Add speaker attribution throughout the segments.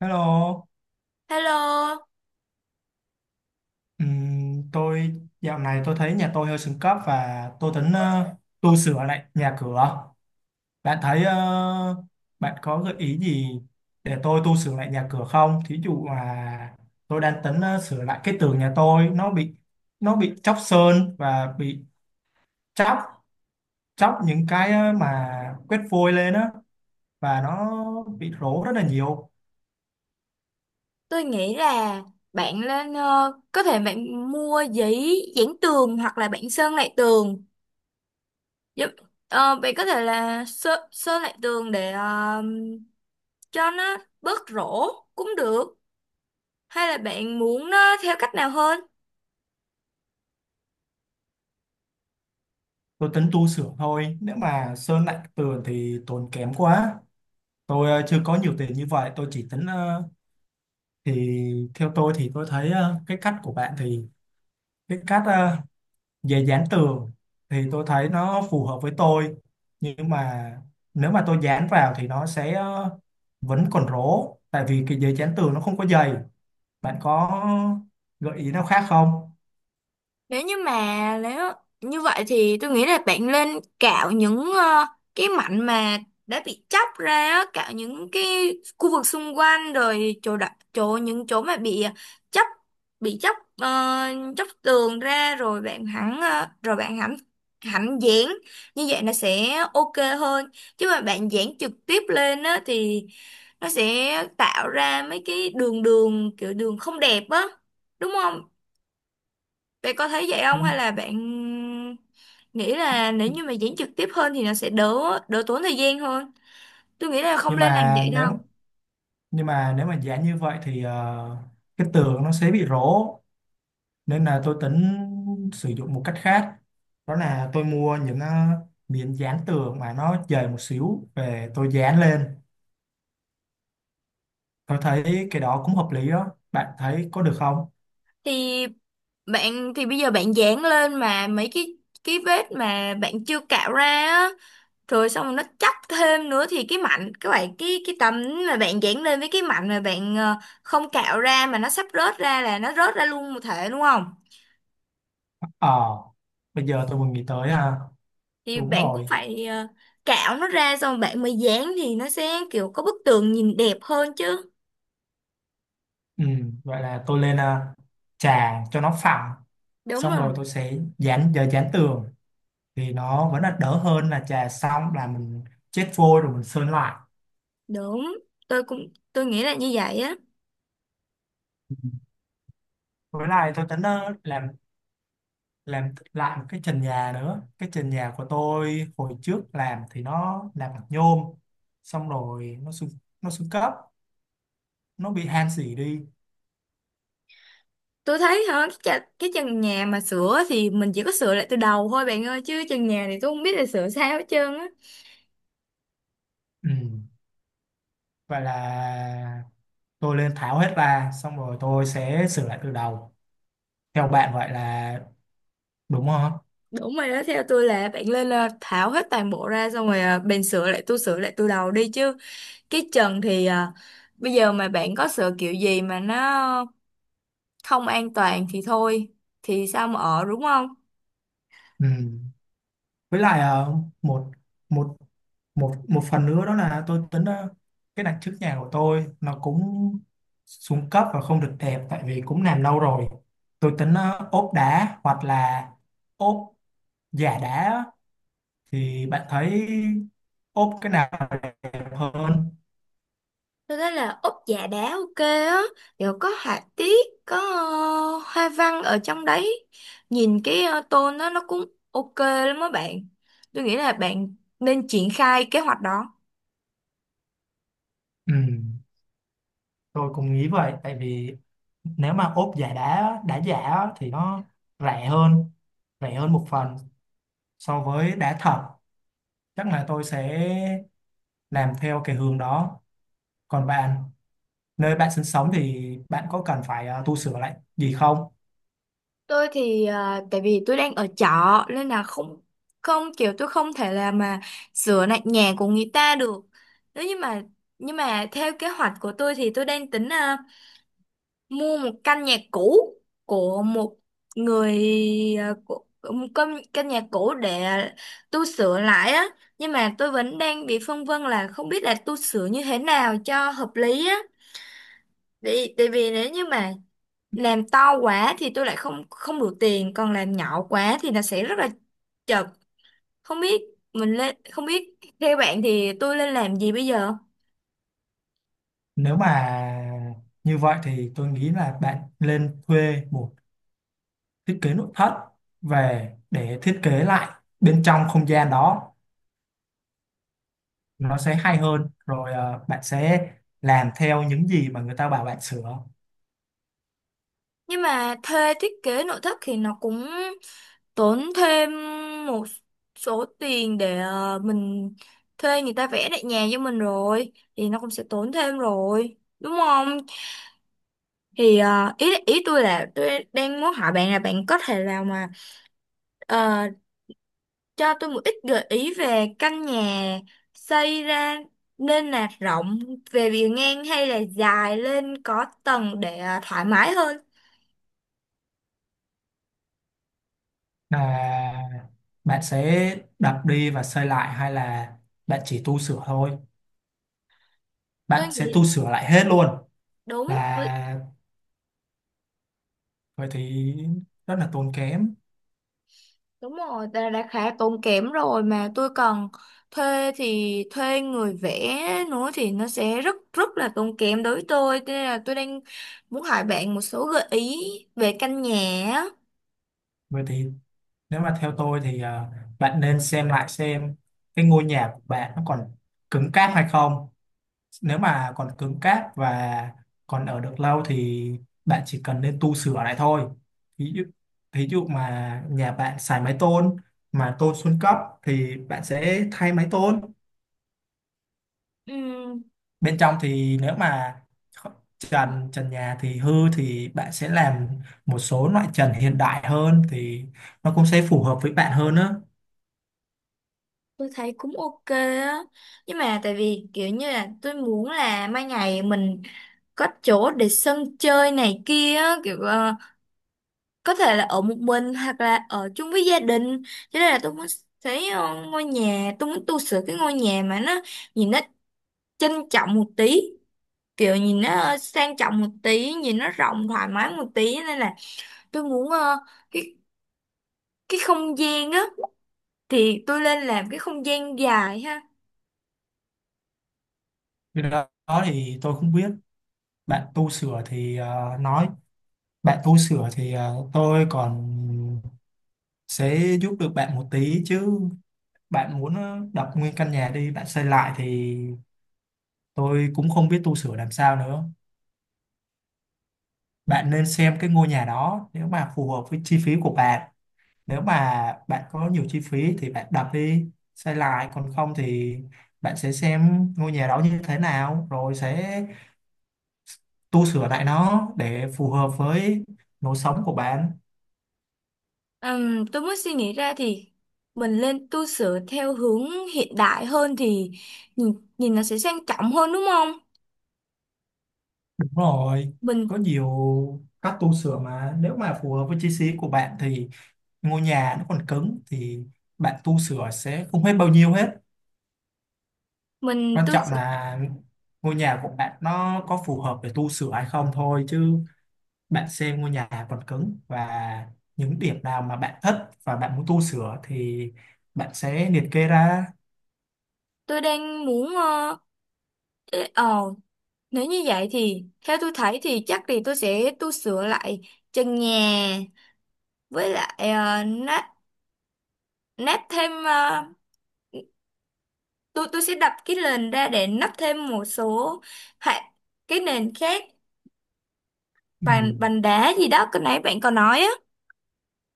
Speaker 1: Hello.
Speaker 2: Hello,
Speaker 1: Tôi dạo này tôi thấy nhà tôi hơi xuống cấp và tôi tính tu sửa lại nhà cửa. Bạn thấy bạn có gợi ý gì để tôi tu sửa lại nhà cửa không? Thí dụ là tôi đang tính sửa lại cái tường nhà tôi nó bị chóc sơn và bị chóc chóc những cái mà quét vôi lên á, và nó bị rỗ rất là nhiều.
Speaker 2: tôi nghĩ là bạn lên có thể bạn mua giấy dán tường hoặc là bạn sơn lại tường. Giúp, Bạn có thể là sơn lại tường để cho nó bớt rỗ cũng được. Hay là bạn muốn nó theo cách nào hơn?
Speaker 1: Tôi tính tu sửa thôi. Nếu mà sơn lại tường thì tốn kém quá. Tôi chưa có nhiều tiền như vậy, tôi chỉ tính thì theo tôi thì tôi thấy cái cách của bạn thì cái cách về dán tường thì tôi thấy nó phù hợp với tôi. Nhưng mà nếu mà tôi dán vào thì nó sẽ vẫn còn rỗ tại vì cái giấy dán tường nó không có dày. Bạn có gợi ý nào khác không?
Speaker 2: Nếu như vậy thì tôi nghĩ là bạn nên cạo những cái mảnh mà đã bị chóc ra á, cạo những cái khu vực xung quanh rồi chỗ đặt chỗ những chỗ mà chóc bị chóc chóc tường ra, rồi rồi bạn hẳn hẳn dán, như vậy nó sẽ ok hơn. Chứ mà bạn dán trực tiếp lên á thì nó sẽ tạo ra mấy cái đường đường kiểu đường không đẹp á, đúng không? Bạn có thấy vậy không, hay
Speaker 1: Nhưng
Speaker 2: là bạn nghĩ là nếu như mà diễn trực tiếp hơn thì nó sẽ đỡ đỡ tốn thời gian hơn? Tôi nghĩ là không
Speaker 1: nhưng
Speaker 2: nên làm
Speaker 1: mà
Speaker 2: vậy
Speaker 1: nếu
Speaker 2: đâu.
Speaker 1: nhưng mà nếu mà dán như vậy thì cái tường nó sẽ bị rỗ, nên là tôi tính sử dụng một cách khác, đó là tôi mua những miếng dán tường mà nó dày một xíu về tôi dán lên. Tôi thấy cái đó cũng hợp lý đó, bạn thấy có được không?
Speaker 2: Thì thì bây giờ bạn dán lên mà mấy cái vết mà bạn chưa cạo ra á, rồi xong rồi nó chắc thêm nữa, thì cái mảnh các bạn, cái tấm mà bạn dán lên với cái mảnh mà bạn không cạo ra mà nó sắp rớt ra, là nó rớt ra luôn một thể, đúng không?
Speaker 1: Ờ, bây giờ tôi vừa nghĩ tới. À,
Speaker 2: Thì
Speaker 1: đúng
Speaker 2: bạn cũng
Speaker 1: rồi.
Speaker 2: phải cạo nó ra xong bạn mới dán, thì nó sẽ kiểu có bức tường nhìn đẹp hơn chứ.
Speaker 1: Ừ, vậy là tôi lên à, trà cho nó phẳng
Speaker 2: đúng
Speaker 1: xong rồi
Speaker 2: rồi
Speaker 1: tôi sẽ dán giờ dán tường thì nó vẫn là đỡ hơn là trà xong là mình chết vôi rồi mình sơn lại.
Speaker 2: đúng tôi nghĩ là như vậy á.
Speaker 1: Ừ, với lại tôi tính làm lại một cái trần nhà nữa. Cái trần nhà của tôi hồi trước làm thì nó làm bằng nhôm, xong rồi nó xuống cấp, nó bị han xỉ đi.
Speaker 2: Tôi thấy hả cái, cái trần nhà mà sửa thì mình chỉ có sửa lại từ đầu thôi bạn ơi, chứ trần nhà thì tôi không biết là sửa sao hết trơn á.
Speaker 1: Ừ, và là tôi lên tháo hết ra xong rồi tôi sẽ sửa lại từ đầu, theo bạn vậy là đúng không?
Speaker 2: Đúng rồi đó, theo tôi là bạn lên tháo hết toàn bộ ra, xong rồi bạn sửa lại tôi sửa lại từ đầu đi chứ. Cái trần thì bây giờ mà bạn có sửa kiểu gì mà nó không an toàn thì thôi, thì sao mà ở, đúng không?
Speaker 1: Ừ, với lại một một một một phần nữa, đó là tôi tính cái đằng trước nhà của tôi nó cũng xuống cấp và không được đẹp tại vì cũng làm lâu rồi. Tôi tính ốp đá hoặc là ốp giả đá á. Thì bạn thấy ốp cái nào đẹp hơn?
Speaker 2: Tôi thấy là úp dạ đá ok á, kiểu có họa tiết, có hoa văn ở trong đấy. Nhìn cái tôn đó nó cũng ok lắm á bạn. Tôi nghĩ là bạn nên triển khai kế hoạch đó.
Speaker 1: Ừ, tôi cũng nghĩ vậy tại vì nếu mà ốp giả đá đá giả á, thì nó rẻ hơn, rẻ hơn một phần so với đá thật. Chắc là tôi sẽ làm theo cái hướng đó. Còn bạn, nơi bạn sinh sống thì bạn có cần phải tu sửa lại gì không?
Speaker 2: Tôi thì tại vì tôi đang ở trọ nên là không không kiểu tôi không thể là mà sửa lại nhà của người ta được. Nếu như mà nhưng mà theo kế hoạch của tôi thì tôi đang tính mua một căn nhà cũ của một người của một căn căn nhà cũ để tu sửa lại á, nhưng mà tôi vẫn đang bị phân vân là không biết là tu sửa như thế nào cho hợp lý á, vì nếu như mà làm to quá thì tôi lại không không đủ tiền, còn làm nhỏ quá thì nó sẽ rất là chật. Không biết mình lên không biết theo bạn thì tôi nên làm gì bây giờ?
Speaker 1: Nếu mà như vậy thì tôi nghĩ là bạn nên thuê một thiết kế nội thất về để thiết kế lại bên trong không gian đó, nó sẽ hay hơn. Rồi bạn sẽ làm theo những gì mà người ta bảo bạn sửa.
Speaker 2: Nhưng mà thuê thiết kế nội thất thì nó cũng tốn thêm một số tiền để mình thuê người ta vẽ lại nhà cho mình, rồi thì nó cũng sẽ tốn thêm rồi, đúng không? Thì ý ý tôi là tôi đang muốn hỏi bạn là bạn có thể nào mà ờ, cho tôi một ít gợi ý về căn nhà xây ra, nên là rộng về bề ngang hay là dài lên có tầng để thoải mái hơn.
Speaker 1: Là bạn sẽ đập đi và xây lại hay là bạn chỉ tu sửa thôi?
Speaker 2: Tôi
Speaker 1: Bạn sẽ
Speaker 2: nghĩ
Speaker 1: tu sửa lại hết luôn?
Speaker 2: đúng.
Speaker 1: Là vậy thì rất là tốn kém.
Speaker 2: Đúng rồi, ta đã khá tốn kém rồi, mà tôi còn thuê thì thuê người vẽ nữa thì nó sẽ rất rất là tốn kém đối với tôi. Thế nên là tôi đang muốn hỏi bạn một số gợi ý về căn nhà á.
Speaker 1: Vậy thì nếu mà theo tôi thì bạn nên xem lại xem cái ngôi nhà của bạn nó còn cứng cáp hay không. Nếu mà còn cứng cáp và còn ở được lâu thì bạn chỉ cần nên tu sửa lại thôi. Ví dụ, ví dụ mà nhà bạn xài mái tôn mà tôn xuống cấp thì bạn sẽ thay mái tôn.
Speaker 2: Ừm,
Speaker 1: Bên trong thì nếu mà trần trần nhà thì hư thì bạn sẽ làm một số loại trần hiện đại hơn thì nó cũng sẽ phù hợp với bạn hơn á.
Speaker 2: tôi thấy cũng ok á. Nhưng mà tại vì kiểu như là tôi muốn là mai ngày mình có chỗ để sân chơi này kia á, kiểu có thể là ở một mình hoặc là ở chung với gia đình, cho nên là tôi muốn thấy ờ, ngôi nhà tôi muốn tu sửa cái ngôi nhà mà nó nhìn nó trân trọng một tí, kiểu nhìn nó sang trọng một tí, nhìn nó rộng thoải mái một tí, nên là tôi muốn cái cái không gian á thì tôi lên làm cái không gian dài ha.
Speaker 1: Cái đó đó thì tôi không biết. Bạn tu sửa thì nói bạn tu sửa thì tôi còn sẽ giúp được bạn một tí chứ bạn muốn đập nguyên căn nhà đi bạn xây lại thì tôi cũng không biết tu sửa làm sao nữa. Bạn nên xem cái ngôi nhà đó nếu mà phù hợp với chi phí của bạn. Nếu mà bạn có nhiều chi phí thì bạn đập đi xây lại, còn không thì bạn sẽ xem ngôi nhà đó như thế nào rồi sẽ tu sửa lại nó để phù hợp với lối sống của bạn.
Speaker 2: Tôi mới suy nghĩ ra thì mình lên tu sửa theo hướng hiện đại hơn thì nhìn nó sẽ sang trọng hơn, đúng không?
Speaker 1: Đúng rồi,
Speaker 2: Mình
Speaker 1: có nhiều cách tu sửa mà nếu mà phù hợp với chi phí của bạn thì ngôi nhà nó còn cứng thì bạn tu sửa sẽ không hết bao nhiêu hết.
Speaker 2: mình
Speaker 1: Quan
Speaker 2: tu
Speaker 1: trọng là ngôi nhà của bạn nó có phù hợp để tu sửa hay không thôi, chứ bạn xem ngôi nhà còn cứng và những điểm nào mà bạn thích và bạn muốn tu sửa thì bạn sẽ liệt kê ra.
Speaker 2: tôi đang muốn ờ ế- ờ Nếu như vậy thì theo tôi thấy thì chắc thì tôi sẽ tu sửa lại trần nhà, với lại nát nát thêm tôi sẽ đập cái nền ra để nắp thêm một số hạ cái nền khác,
Speaker 1: Ừ.
Speaker 2: bàn bàn đá gì đó cái nãy bạn còn nói á.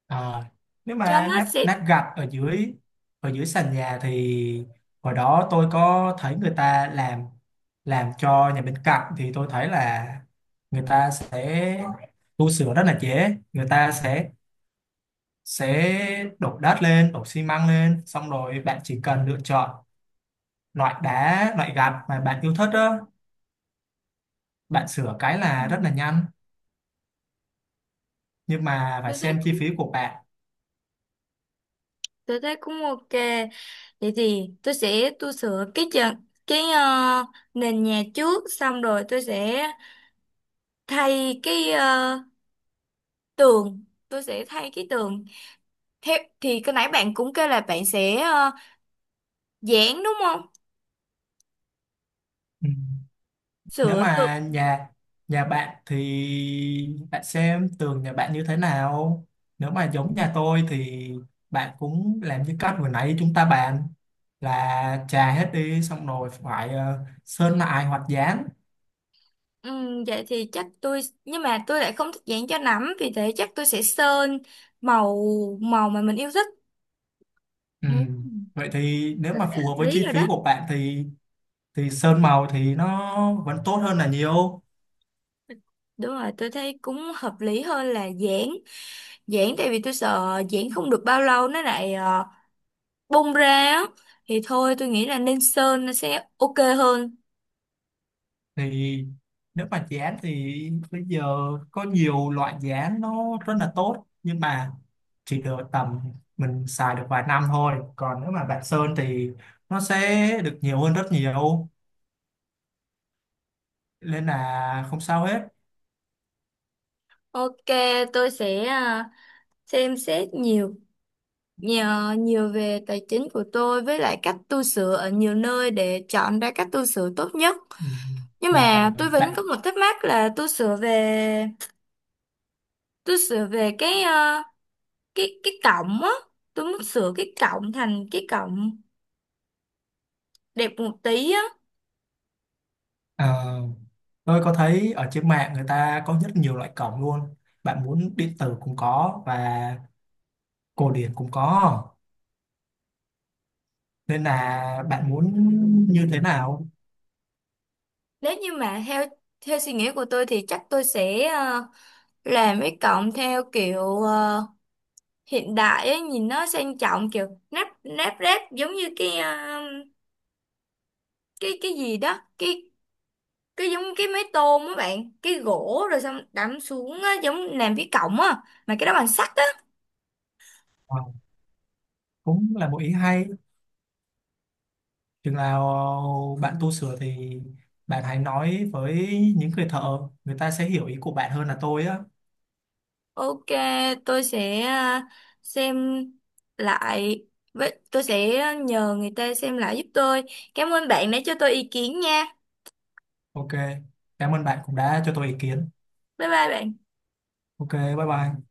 Speaker 1: Ờ, nếu
Speaker 2: Cho
Speaker 1: mà
Speaker 2: nó
Speaker 1: nắp
Speaker 2: sẽ
Speaker 1: nắp gạch ở dưới, ở dưới sàn nhà thì hồi đó tôi có thấy người ta làm cho nhà bên cạnh thì tôi thấy là người ta sẽ tu sửa rất là dễ. Người ta sẽ đổ đất lên đổ xi măng lên xong rồi bạn chỉ cần lựa chọn loại đá loại gạch mà bạn yêu thích đó, bạn sửa cái
Speaker 2: ừ,
Speaker 1: là rất là nhanh. Nhưng mà phải
Speaker 2: tôi thấy
Speaker 1: xem chi
Speaker 2: cũng
Speaker 1: phí của bạn.
Speaker 2: tôi thấy cũng ok. Vậy thì tôi sẽ tu sửa cái cái ờ, nền nhà trước, xong rồi tôi sẽ thay cái ờ, tường tôi sẽ thay cái tường. Thế thì cái nãy bạn cũng kêu là bạn sẽ dán, đúng không?
Speaker 1: Ừ, nếu
Speaker 2: Sửa tường.
Speaker 1: mà nhà nhà bạn thì bạn xem tường nhà bạn như thế nào. Nếu mà giống nhà tôi thì bạn cũng làm như cách vừa nãy chúng ta bàn, là chà hết đi xong rồi phải sơn lại hoặc dán.
Speaker 2: Vậy thì chắc tôi nhưng mà tôi lại không thích dán cho lắm, vì thế chắc tôi sẽ sơn màu màu mà mình yêu thích.
Speaker 1: Ừ,
Speaker 2: Ừm,
Speaker 1: vậy thì nếu
Speaker 2: tôi
Speaker 1: mà
Speaker 2: thấy
Speaker 1: phù
Speaker 2: hợp
Speaker 1: hợp với
Speaker 2: lý
Speaker 1: chi
Speaker 2: rồi
Speaker 1: phí
Speaker 2: đó.
Speaker 1: của bạn thì sơn màu thì nó vẫn tốt hơn là nhiều.
Speaker 2: Đúng rồi, tôi thấy cũng hợp lý hơn là dán dán tại vì tôi sợ dán không được bao lâu nó lại bung ra á, thì thôi tôi nghĩ là nên sơn, nó sẽ ok hơn.
Speaker 1: Thì nếu mà dự án thì bây giờ có nhiều loại dự án nó rất là tốt nhưng mà chỉ được tầm mình xài được vài năm thôi. Còn nếu mà bạn sơn thì nó sẽ được nhiều hơn rất nhiều, nên là không sao hết.
Speaker 2: Ok, tôi sẽ xem xét nhiều nhờ nhiều về tài chính của tôi với lại cách tu sửa ở nhiều nơi để chọn ra cách tu sửa tốt nhất.
Speaker 1: Ừ,
Speaker 2: Nhưng mà
Speaker 1: là
Speaker 2: tôi vẫn có
Speaker 1: bạn
Speaker 2: một thắc mắc là tôi sửa về cái à, cái cái cổng á, tôi muốn sửa cái cổng thành cái cổng đẹp một tí á.
Speaker 1: ờ, tôi có thấy ở trên mạng người ta có rất nhiều loại cổng luôn. Bạn muốn điện tử cũng có và cổ điển cũng có, nên là bạn muốn như thế nào?
Speaker 2: Nếu như mà theo theo suy nghĩ của tôi thì chắc tôi sẽ làm cái cổng theo kiểu hiện đại ấy, nhìn nó sang trọng, kiểu nắp nắp ráp giống như cái gì đó cái giống cái máy tôm á bạn, cái gỗ rồi xong đắm xuống á, giống làm cái cổng á mà cái đó bằng sắt á.
Speaker 1: Ờ, cũng là một ý hay. Chừng nào bạn tu sửa thì bạn hãy nói với những người thợ, người ta sẽ hiểu ý của bạn hơn là tôi á.
Speaker 2: Ok, tôi sẽ xem lại, với tôi sẽ nhờ người ta xem lại giúp tôi. Cảm ơn bạn đã cho tôi ý kiến nha.
Speaker 1: Ok, cảm ơn bạn cũng đã cho tôi ý kiến.
Speaker 2: Bye bye bạn.
Speaker 1: Ok, bye bye.